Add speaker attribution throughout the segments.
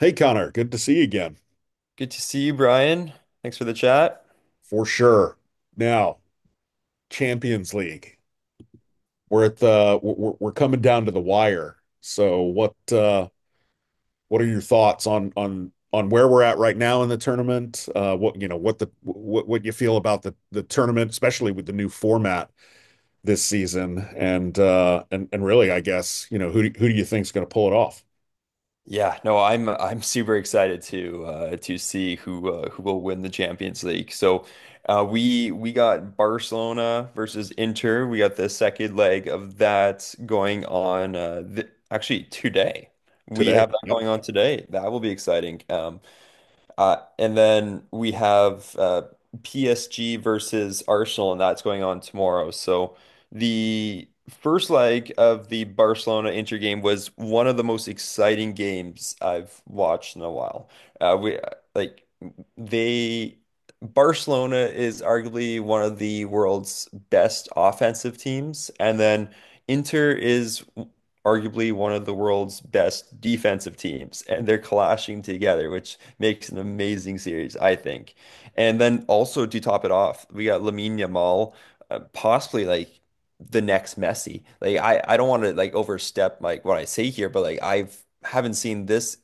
Speaker 1: Hey Connor, good to see you again.
Speaker 2: Good to see you, Brian. Thanks for the chat.
Speaker 1: For sure. Now, Champions League. We're coming down to the wire. So what are your thoughts on where we're at right now in the tournament? What you feel about the tournament, especially with the new format this season and really I guess, who do you think's going to pull it off
Speaker 2: Yeah, no, I'm super excited to to see who who will win the Champions League. So we got Barcelona versus Inter. We got the second leg of that going on th actually today. We
Speaker 1: today?
Speaker 2: have that
Speaker 1: Yep.
Speaker 2: going on today. That will be exciting. And then we have PSG versus Arsenal, and that's going on tomorrow. So the first leg of the Barcelona Inter game was one of the most exciting games I've watched in a while. We like they Barcelona is arguably one of the world's best offensive teams, and then Inter is arguably one of the world's best defensive teams, and they're clashing together, which makes an amazing series, I think. And then also to top it off, we got Lamine Yamal, possibly like the next Messi. Like I don't want to like overstep like what I say here, but like I've haven't seen this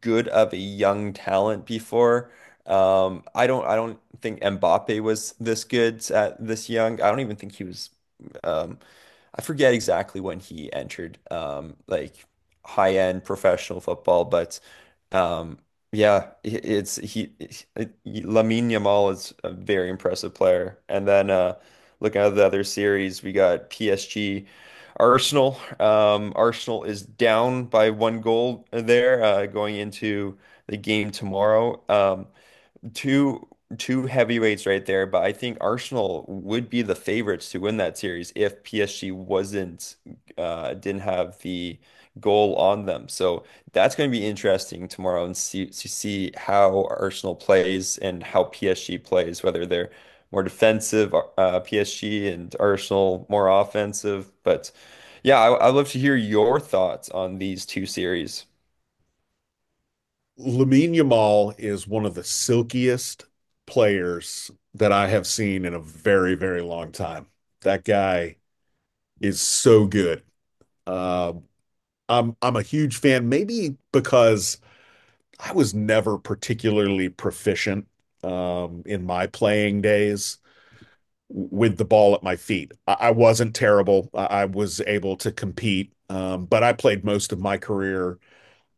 Speaker 2: good of a young talent before. I don't think Mbappe was this good at this young. I don't even think he was. Um, I forget exactly when he entered. Like high end professional football, but. Um, yeah, i- it's he, Lamine Yamal is a very impressive player. And then looking at the other series, we got PSG, Arsenal. Arsenal is down by one goal there going into the game tomorrow. Two two heavyweights right there, but I think Arsenal would be the favorites to win that series if PSG wasn't didn't have the goal on them. So that's going to be interesting tomorrow and see how Arsenal plays and how PSG plays, whether they're more defensive PSG and Arsenal more offensive. But yeah, I'd love to hear your thoughts on these two series.
Speaker 1: Lamine Yamal is one of the silkiest players that I have seen in a very, very long time. That guy is so good. Uh, I'm a huge fan, maybe because I was never particularly proficient in my playing days with the ball at my feet. I wasn't terrible. I was able to compete, but I played most of my career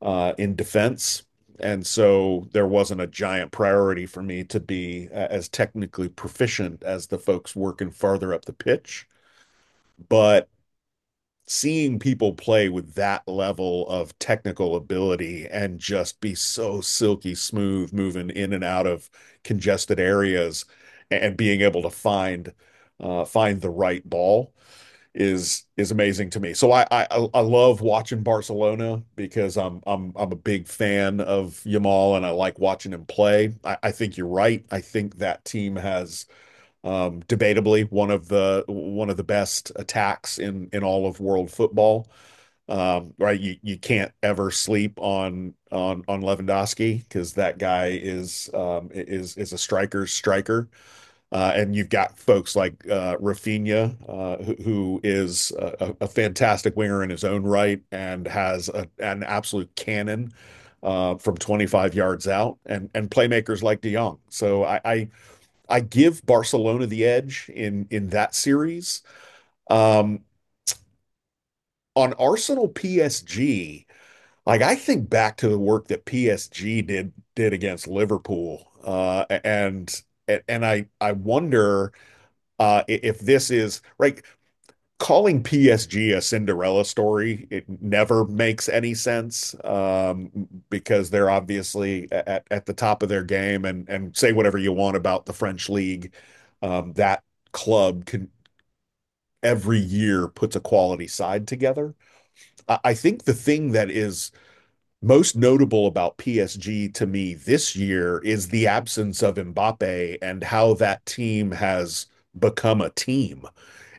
Speaker 1: in defense. And so there wasn't a giant priority for me to be as technically proficient as the folks working farther up the pitch. But seeing people play with that level of technical ability and just be so silky smooth moving in and out of congested areas and being able to find find the right ball is amazing to me. So I love watching Barcelona because I'm a big fan of Yamal and I like watching him play. I think you're right. I think that team has debatably one of the best attacks in all of world football. Right, you can't ever sleep on Lewandowski because that guy is is a striker's striker. And you've got folks like Rafinha, who is a fantastic winger in his own right and has an absolute cannon from 25 yards out, and playmakers like De Jong. So I give Barcelona the edge in that series. Um, on Arsenal PSG, like I think back to the work that PSG did against Liverpool, and I wonder. If this is right, calling PSG a Cinderella story, it never makes any sense, because they're obviously at the top of their game, and say whatever you want about the French league. That club can every year puts a quality side together. I think the thing that is most notable about PSG to me this year is the absence of Mbappé and how that team has become a team.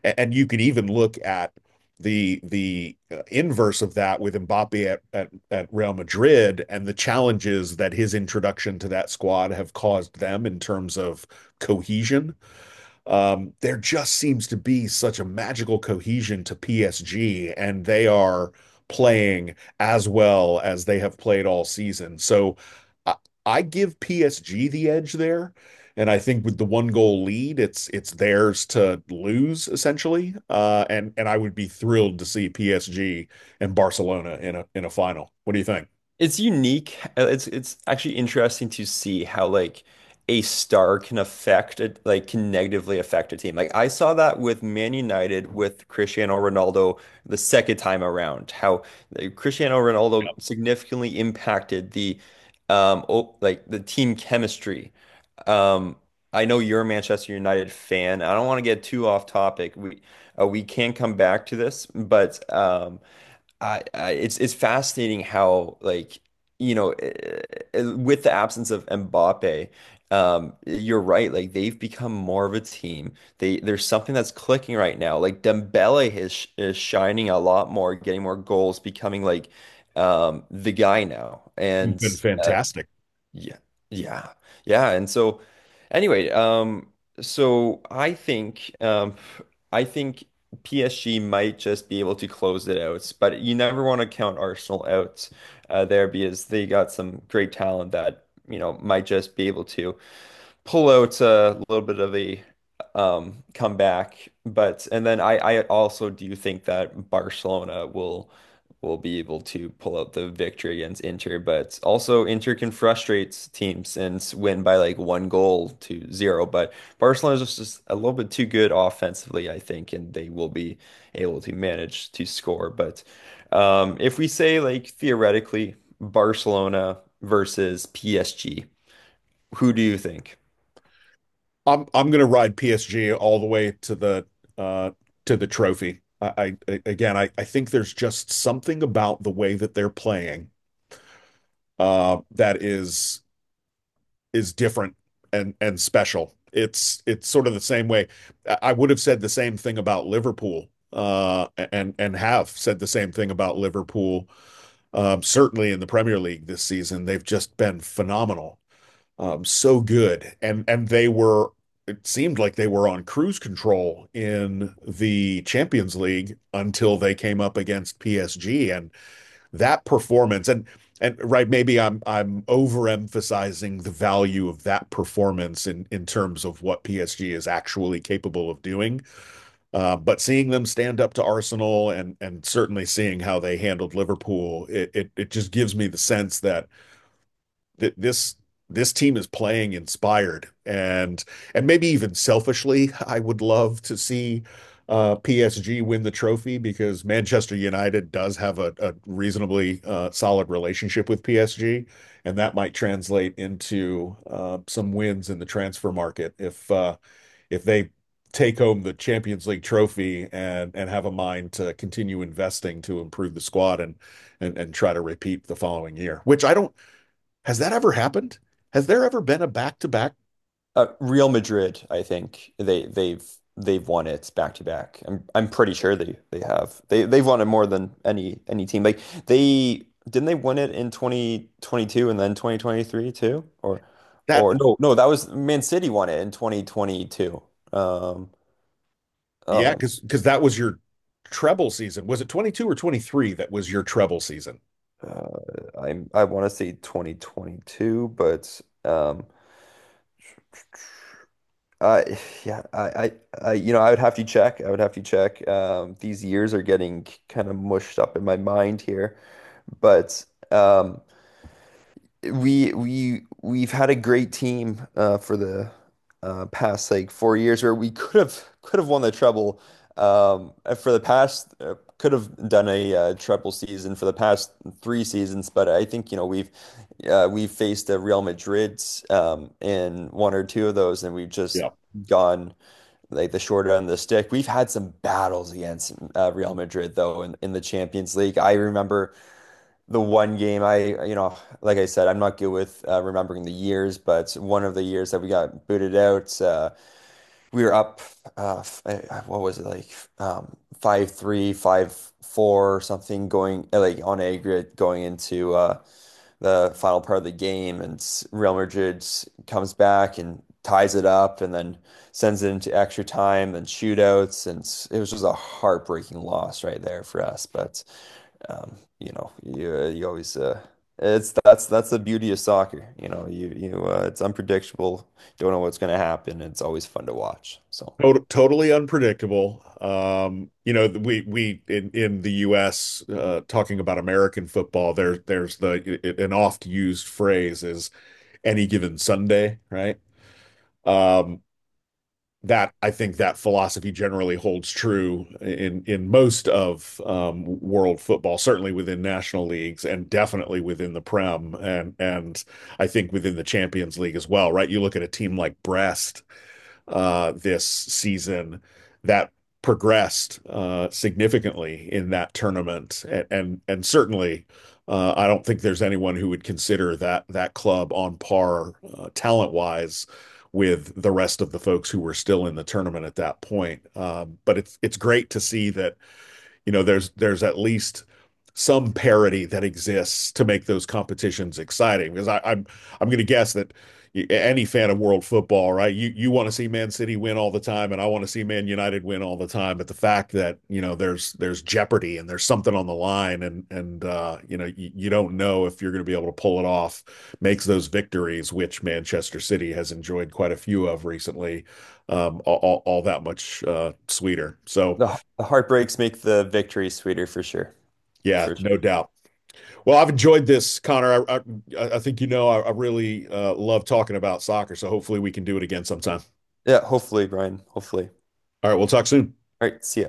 Speaker 1: And, you could even look at the inverse of that with Mbappe at Real Madrid and the challenges that his introduction to that squad have caused them in terms of cohesion. There just seems to be such a magical cohesion to PSG, and they are playing as well as they have played all season. So I, I give PSG the edge there. And I think with the one goal lead, it's theirs to lose essentially. And I would be thrilled to see PSG and Barcelona in a final. What do you think?
Speaker 2: It's unique. It's actually interesting to see how, like, a star can affect it, like, can negatively affect a team. Like I saw that with Man United with Cristiano Ronaldo the second time around, how Cristiano Ronaldo significantly impacted the o like the team chemistry. Um I know you're a Manchester United fan. I don't want to get too off topic. We can come back to this, but I it's fascinating how, like, you know eh, with the absence of Mbappe, you're right. Like they've become more of a team. They There's something that's clicking right now. Like Dembele is shining a lot more, getting more goals, becoming, like, the guy now.
Speaker 1: You've
Speaker 2: And
Speaker 1: been
Speaker 2: uh,
Speaker 1: fantastic.
Speaker 2: yeah. Yeah. Yeah. And so anyway, so I think um I think PSG might just be able to close it out, but you never want to count Arsenal out there because they got some great talent that might just be able to pull out a little bit of a comeback. But and then I also do think that Barcelona will be able to pull out the victory against Inter. But also Inter can frustrate teams and win by like one goal to zero. But Barcelona is just a little bit too good offensively, I think, and they will be able to manage to score. But if we say, like, theoretically, Barcelona versus PSG, who do you think?
Speaker 1: I'm gonna ride PSG all the way to uh the trophy. I again I think there's just something about the way that they're playing that is different and special. It's sort of the same way. I would have said the same thing about Liverpool and have said the same thing about Liverpool certainly in the Premier League this season. They've just been phenomenal, so good. And they were, it seemed like they were on cruise control in the Champions League until they came up against PSG and that performance. And right, maybe I'm overemphasizing the value of that performance in terms of what PSG is actually capable of doing. But seeing them stand up to Arsenal and certainly seeing how they handled Liverpool, it just gives me the sense that th this this team is playing inspired, and maybe even selfishly, I would love to see PSG win the trophy because Manchester United does have a reasonably solid relationship with PSG, and that might translate into some wins in the transfer market if they take home the Champions League trophy, and have a mind to continue investing to improve the squad, and try to repeat the following year, which I don't. Has that ever happened? Has there ever been a back to back?
Speaker 2: Real Madrid, I think they've won it back to back. I'm pretty sure they have. They've won it more than any team. Like they didn't they win it in 2022 and then 2023 too? Or
Speaker 1: That?
Speaker 2: or no, no, that was Man City won it in 2022. Um
Speaker 1: Yeah,
Speaker 2: um
Speaker 1: because that was your treble season. Was it twenty two or twenty three that was your treble season?
Speaker 2: uh, I want to say 2022, but Uh, yeah, you know, I would have to check. I would have to check. These years are getting kind of mushed up in my mind here, but um, we've had a great team for the past like 4 years where we could have won the treble. And for the past could have done a treble season for the past 3 seasons, but I think we've faced the Real Madrids in one or two of those, and we've just
Speaker 1: Yeah.
Speaker 2: gone, like, the short end of the stick. We've had some battles against Real Madrid though in the Champions League. I remember the one game. Like I said, I'm not good with remembering the years, but one of the years that we got booted out, we were up uh what was it like 5-3, 5-4 or something, going like on aggregate, going into the final part of the game, and Real Madrid comes back and ties it up and then sends it into extra time and shootouts, and it was just a heartbreaking loss right there for us. But you know, you always it's, that's the beauty of soccer. You know, you it's unpredictable. Don't know what's going to happen. It's always fun to watch. So
Speaker 1: Totally unpredictable. We in the U.S. Talking about American football, there's the an oft used phrase is any given Sunday, right? Um, that I think that philosophy generally holds true in most of world football, certainly within national leagues, and definitely within the Prem, and I think within the Champions League as well. Right? You look at a team like Brest, this season that progressed significantly in that tournament. And certainly, I don't think there's anyone who would consider that club on par talent-wise with the rest of the folks who were still in the tournament at that point. But it's great to see that, there's at least some parity that exists to make those competitions exciting. Because I'm gonna guess that any fan of world football, right? You wanna see Man City win all the time, and I wanna see Man United win all the time. But the fact that, there's jeopardy and there's something on the line, and you don't know if you're gonna be able to pull it off makes those victories, which Manchester City has enjoyed quite a few of recently, all that much sweeter. So
Speaker 2: the heartbreaks make the victory sweeter for sure.
Speaker 1: yeah,
Speaker 2: For
Speaker 1: no
Speaker 2: sure.
Speaker 1: doubt. Well, I've enjoyed this, Connor. I think I really love talking about soccer, so hopefully we can do it again sometime.
Speaker 2: Yeah, hopefully, Brian. Hopefully.
Speaker 1: All right, we'll talk soon.
Speaker 2: All right, see ya.